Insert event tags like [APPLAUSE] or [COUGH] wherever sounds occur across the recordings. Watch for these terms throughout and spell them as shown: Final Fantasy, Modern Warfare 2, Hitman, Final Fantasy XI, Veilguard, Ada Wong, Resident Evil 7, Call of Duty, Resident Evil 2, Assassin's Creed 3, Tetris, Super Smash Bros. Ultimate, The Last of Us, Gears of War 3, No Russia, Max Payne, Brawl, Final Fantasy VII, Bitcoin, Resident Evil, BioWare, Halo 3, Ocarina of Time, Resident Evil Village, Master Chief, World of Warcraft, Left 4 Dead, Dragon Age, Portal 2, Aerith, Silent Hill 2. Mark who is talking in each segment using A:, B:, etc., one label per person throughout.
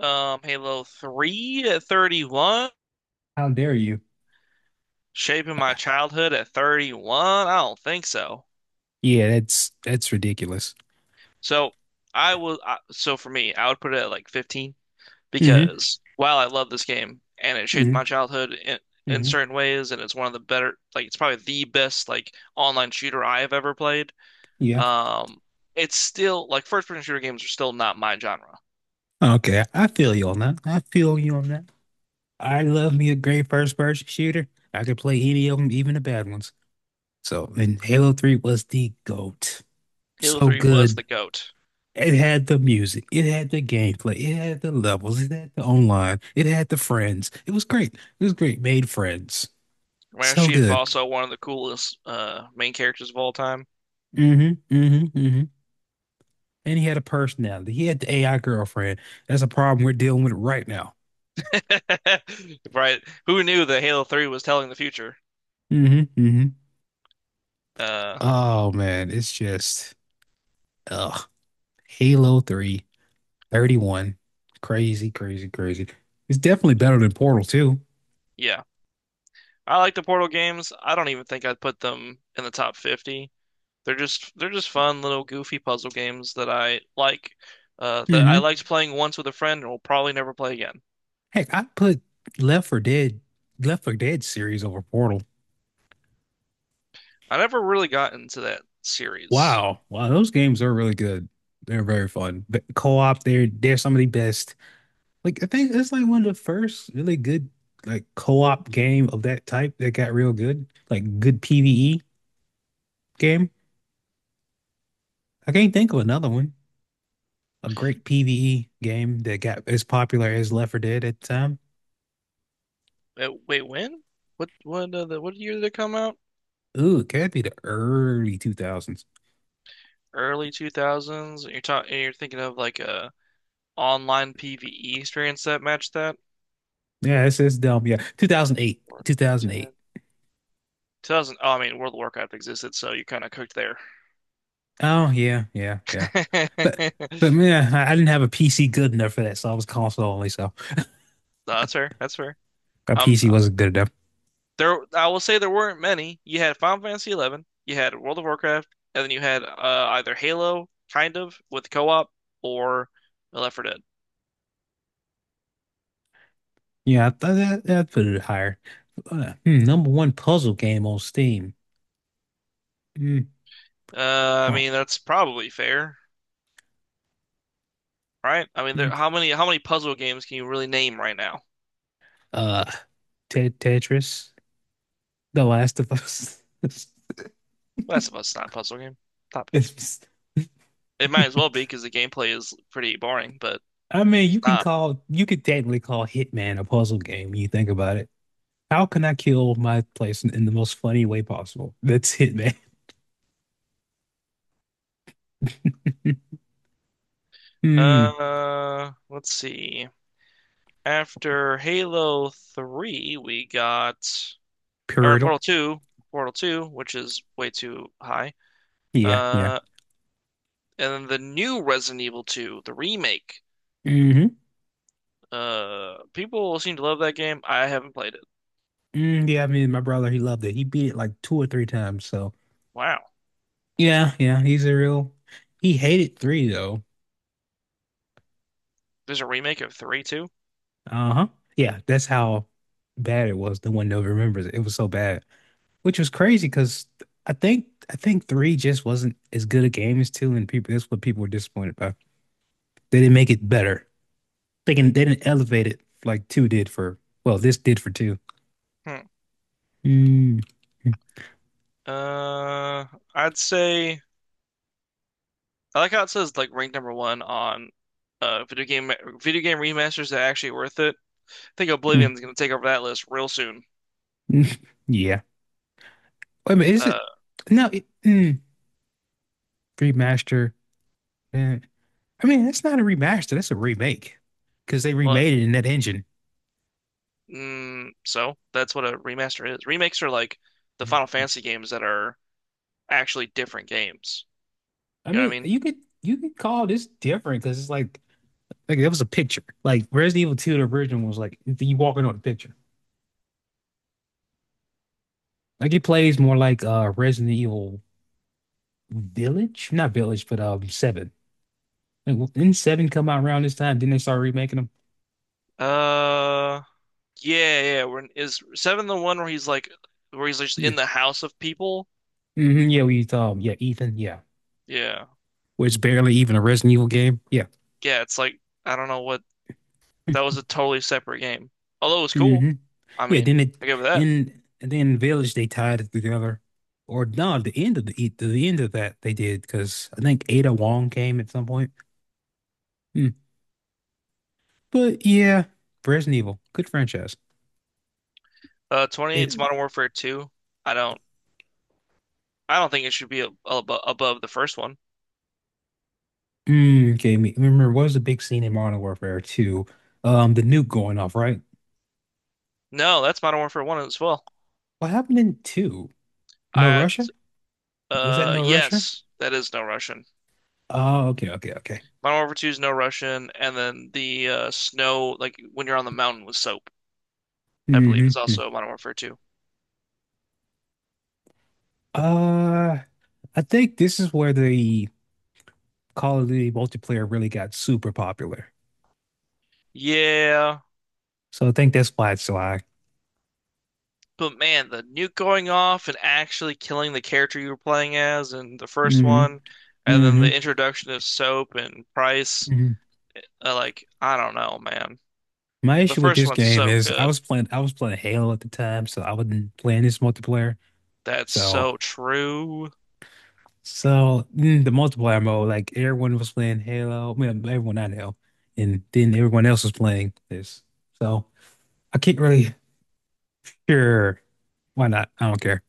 A: Halo 3 at 31,
B: How dare you?
A: shaping my childhood at 31. I don't think so.
B: Yeah, that's ridiculous.
A: So so for me, I would put it at like 15
B: Hmm
A: because while I love this game and it shaped my
B: hmm
A: childhood in
B: hmm
A: certain ways, and it's one of the better, like it's probably the best like online shooter I have ever played.
B: Yeah.
A: Um, it's still like first person shooter games are still not my genre.
B: Okay, I feel you on that. I feel you on that. I love me a great first person shooter. I could play any of them, even the bad ones. So, and Halo 3 was the GOAT.
A: Halo
B: So
A: 3 was the
B: good.
A: GOAT.
B: It had the music, it had the gameplay, it had the levels, it had the online, it had the friends. It was great. It was great. Made friends.
A: Master
B: So
A: Chief
B: good.
A: also one of the coolest main characters of all time.
B: Hmm hmm hmm And he had a personality. He had the AI girlfriend. That's a problem we're dealing with right now.
A: [LAUGHS] Right. Who knew that Halo 3 was telling the future?
B: Hmm hmm
A: Uh,
B: Oh man, it's just ugh. Halo 3, 31. Crazy, crazy, crazy. It's definitely better than Portal 2.
A: yeah. I like the Portal games. I don't even think I'd put them in the top 50. They're just fun little goofy puzzle games that I that I
B: Mm-hmm.
A: liked playing once with a friend and will probably never play again.
B: Heck, I put Left for Dead, Left for Dead series over Portal.
A: I never really got into that series.
B: Wow. Wow, those games are really good. They're very fun. But co-op, they're some of the best. Like I think it's like one of the first really good like co-op game of that type that got real good. Like good PvE game. I can't think of another one. A great PvE game that got as popular as Left 4 Dead at the time.
A: Wait, when? What year did it come out?
B: Ooh, it could be the early 2000s.
A: Early 2000s. You're thinking of like a online PvE experience that matched that?
B: Yeah, it's dumb. Yeah, 2008,
A: Or-
B: 2008.
A: Ten. 2000, oh, I mean, World of Warcraft existed, so you kind of cooked there.
B: Oh yeah, yeah, yeah. But but
A: [LAUGHS]
B: man, I didn't have a PC good enough for that, so I was console only. So
A: No, that's fair. That's fair.
B: my
A: Um,
B: PC wasn't good enough.
A: there, I will say there weren't many. You had Final Fantasy XI, you had World of Warcraft, and then you had either Halo, kind of, with co-op, or Left 4 Dead.
B: Yeah, I th that that put it higher. Number one puzzle game on Steam. Hmm,
A: I
B: poor.
A: mean, that's probably fair, right? I mean,
B: Hmm.
A: there, how many puzzle games can you really name right now?
B: Uh, Tetris, The Last of Us. [LAUGHS]
A: Last of Us is not a puzzle game. Stop it.
B: It's-
A: It might as well be because the gameplay is pretty boring, but
B: I mean,
A: it's not.
B: you could technically call Hitman a puzzle game when you think about it. How can I kill my place in the most funny way possible? That's Hitman. [LAUGHS] Hmm,
A: Let's see. After Halo 3, we got, or in
B: Pyramidal.
A: Portal 2, Portal 2, which is way too high.
B: Yeah, yeah.
A: Uh, and then the new Resident Evil 2, the remake.
B: hmm
A: People seem to love that game. I haven't played it.
B: Yeah, I mean, my brother, he loved it. He beat it like two or three times. So.
A: Wow.
B: Yeah, yeah, he's a real. He hated three though.
A: There's a remake of 3 too?
B: Uh-huh. Yeah, that's how bad it was. The one that remembers it. It was so bad, which was crazy because I think three just wasn't as good a game as two, and people that's what people were disappointed by. They didn't make it better. They didn't elevate it like two did for. Well, this did for two.
A: Hmm.
B: Mm. [LAUGHS]
A: Uh, I'd say I like how it says like ranked number one on uh video game video game remasters that are actually worth it. I think
B: Mm, mm,
A: Oblivion's gonna take over that list real soon.
B: mm. Yeah. Wait a minute, is
A: Uh,
B: it? No, it, remaster. Eh, I mean, that's not a remaster. That's a remake because they
A: well,
B: remade it in that engine.
A: So that's what a remaster is. Remakes are like the Final Fantasy games that are actually different games.
B: I
A: You know what
B: mean,
A: I mean?
B: you could call this different because it's like it was a picture. Like Resident Evil 2, the original was like you walking on a picture. Like it plays more like Resident Evil Village, not Village, but Seven. Like, didn't Seven come out around this time? Didn't they start remaking them?
A: Uh, yeah, yeah. When is seven the one just
B: Yeah,
A: in the house of people?
B: yeah, we yeah Ethan, yeah,
A: Yeah,
B: where it's barely even a Resident Evil game. Yeah.
A: yeah. It's like I don't know what that was a totally separate game. Although it was cool.
B: hmm
A: I
B: Yeah,
A: mean,
B: then it
A: I give it that.
B: in and then Village they tied it together. Or no, the end of that they did because I think Ada Wong came at some point. Hmm. But yeah, Resident Evil, good franchise. It
A: 28's Modern Warfare 2. I don't, I don't think it should be ab ab above the first one.
B: mm, gave me remember what was the big scene in Modern Warfare 2? The nuke going off, right?
A: No, that's Modern Warfare 1 as well.
B: What happened in 2? No
A: I
B: Russia? Was that No Russia?
A: Yes, that is no Russian.
B: Oh, okay, okay, okay.
A: Modern Warfare 2 is no Russian, and then the snow, like when you're on the mountain with soap, I believe,
B: Mm-hmm.
A: is
B: hmm.
A: also Modern Warfare 2.
B: Uh, I think this is where the Call of Duty multiplayer really got super popular.
A: Yeah,
B: So I think that's why it's July.
A: but man, the nuke going off and actually killing the character you were playing as in the first
B: Hmm
A: one, and then the
B: hmm
A: introduction of soap and price,
B: hmm
A: like I don't know, man.
B: My
A: The
B: issue with
A: first
B: this
A: one's
B: game
A: so
B: is I
A: good.
B: was playing I was playing Halo at the time, so I wasn't playing this multiplayer.
A: That's
B: So
A: so true.
B: so the multiplayer mode, like everyone was playing Halo, I mean, everyone not Halo, and then everyone else was playing this. So I can't really sure why not. I don't care.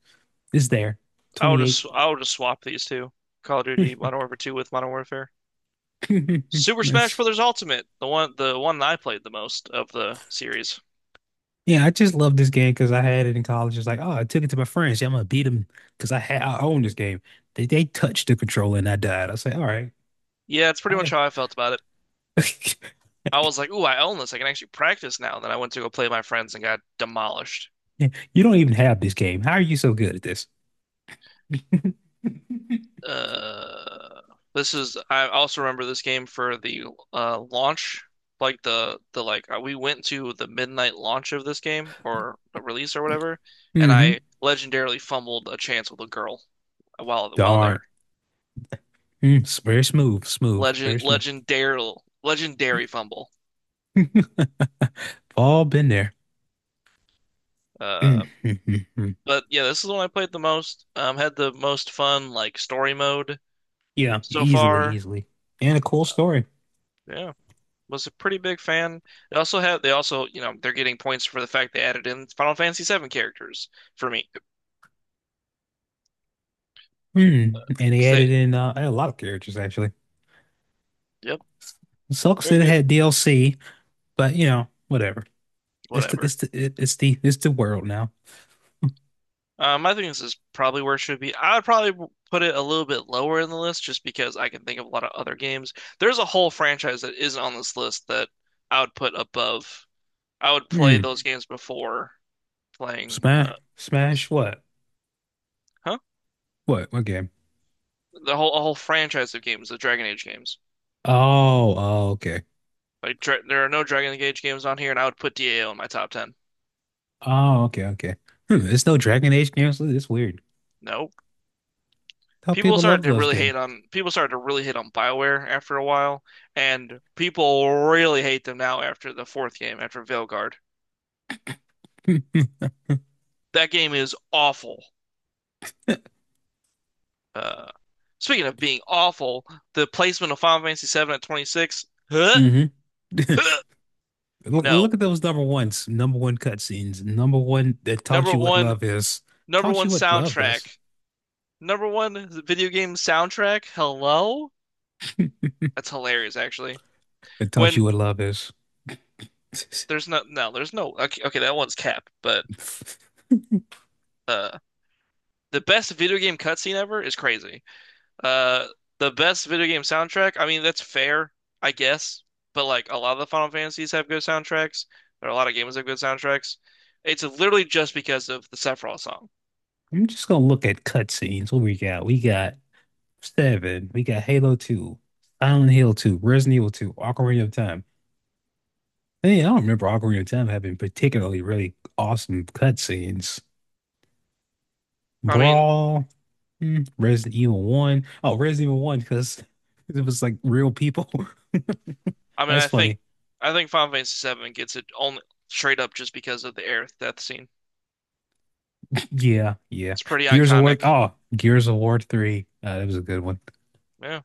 B: It's there.
A: I would
B: 28.
A: just I would just swap these two, Call of Duty Modern Warfare 2 with Modern Warfare.
B: [LAUGHS]
A: Super Smash
B: That's
A: Bros. Ultimate, the one that I played the most of the series.
B: Yeah, I just love this game because I had it in college. It's like, oh, I took it to my friends. Yeah, I'm gonna beat them because I own this game. They touched the controller and I died. I say, all right,
A: Yeah, it's pretty
B: how
A: much
B: they?
A: how I felt about it.
B: [LAUGHS]
A: I was like, "Ooh, I own this. I can actually practice now." Then I went to go play with my friends and got demolished.
B: You don't even have this game. How are you so good at this? [LAUGHS]
A: Uh, this is I also remember this game for the launch, like the like we went to the midnight launch of this game or the release or whatever, and
B: hmm
A: I legendarily fumbled a chance with a girl while there.
B: Darn. It's very smooth, smooth, very
A: Legend
B: smooth.
A: legendary Legendary fumble.
B: All been there. Mm,
A: Uh
B: mm, mm, mm.
A: But yeah, this is the one I played the most. Had the most fun like story mode
B: Yeah,
A: so
B: easily,
A: far.
B: easily. And a cool
A: Uh,
B: story.
A: Yeah, was a pretty big fan. They also they're getting points for the fact they added in Final Fantasy VII characters for me.
B: Mm. And they
A: 'Cause
B: added
A: they,
B: in a lot of characters actually.
A: yep,
B: Sucks
A: very
B: that it
A: good,
B: had DLC, but whatever. It's the
A: whatever.
B: it's the it- it's the world now.
A: I think this is probably where it should be. I would probably put it a little bit lower in the list just because I can think of a lot of other games. There's a whole franchise that isn't on this list that I would put above. I would play
B: Hmm.
A: those games before playing.
B: Smash Smash what?
A: Huh?
B: What game?
A: the whole A whole franchise of games, the Dragon Age games.
B: Oh okay.
A: Like dra there are no Dragon Age games on here, and I would put DAO in my top 10.
B: Oh okay okay. There's no Dragon Age games. It's weird.
A: No,
B: How people love those games.
A: people started to really hate on BioWare after a while, and people really hate them now after the fourth game, after Veilguard.
B: Hmm
A: That game is awful. Uh, Speaking of being awful, the placement of Final Fantasy VII at 26. Huh?
B: [LAUGHS]
A: Huh?
B: Look
A: No,
B: look at those number ones, number one cutscenes, number one that
A: number
B: taught you what
A: one,
B: love is.
A: number
B: Taught
A: one
B: you what love is.
A: soundtrack, number one video game soundtrack. Hello. That's hilarious, actually.
B: It taught
A: When
B: you what love is.
A: there's no. Okay, okay, that one's cap, but uh, the best video game cutscene ever is crazy. Uh, the best video game soundtrack. I mean, that's fair, I guess. But like a lot of the Final Fantasies have good soundtracks. There are a lot of games that have good soundtracks. It's literally just because of the Sephiroth song.
B: I'm just gonna look at cutscenes. What we got? We got Seven. We got Halo 2, Silent Hill 2, Resident Evil 2, Ocarina of Time. Hey, I don't remember Ocarina of Time having particularly really awesome cutscenes.
A: I mean,
B: Brawl, Resident Evil 1. Oh, Resident Evil 1, because [LAUGHS] it was like real people.
A: I
B: [LAUGHS]
A: mean,
B: That's
A: I think,
B: funny.
A: I think Final Fantasy VII gets it only straight up just because of the Aerith death scene.
B: [CLEARS THROAT] Yeah, yeah.
A: It's pretty
B: Gears of War.
A: iconic.
B: Oh, Gears of War 3. That was a good one.
A: Yeah,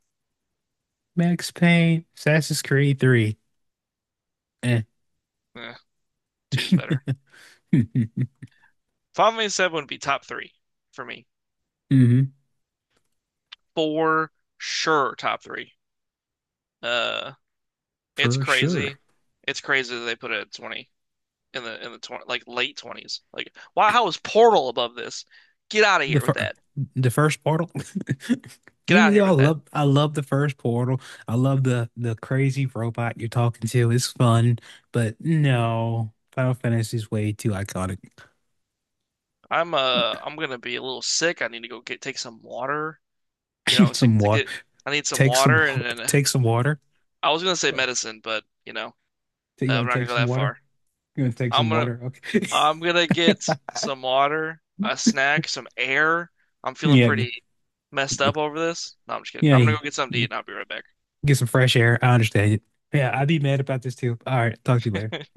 B: Max Payne, Assassin's Creed 3. Eh.
A: eh, two is better.
B: [LAUGHS]
A: Final Fantasy VII would be top three for me,
B: hmm
A: for sure. Top three. Uh, it's
B: for sure.
A: crazy. It's crazy that they put it at 20 in the 20, like late 20s. Like, why? How is Portal above this? Get out of
B: The
A: here with
B: first,
A: that.
B: the first portal. [LAUGHS]
A: Get out
B: Even
A: of
B: though
A: here
B: I
A: with that.
B: love, I love the first portal. I love the crazy robot you're talking to. It's fun, but no, Final Fantasy is way too iconic.
A: I'm gonna be a little sick. I need to go get take some water. You
B: [LAUGHS]
A: know,
B: Some
A: to
B: water.
A: get I need some
B: Take some. [LAUGHS]
A: water and then
B: Take some water.
A: I was gonna say medicine, but you know,
B: You
A: I'm
B: gonna
A: not gonna
B: take
A: go
B: some
A: that
B: water?
A: far.
B: You gonna take
A: I'm
B: some
A: gonna
B: water? Okay.
A: I'm gonna
B: [LAUGHS]
A: get some water, a snack, some air. I'm feeling
B: Yeah.
A: pretty messed up over this. No, I'm just kidding.
B: Yeah.
A: I'm gonna go get something to eat
B: Y-
A: and I'll be right back.
B: Get some fresh air. I understand it. Yeah, I'd be mad about this too. All right. Talk to you later.
A: [LAUGHS]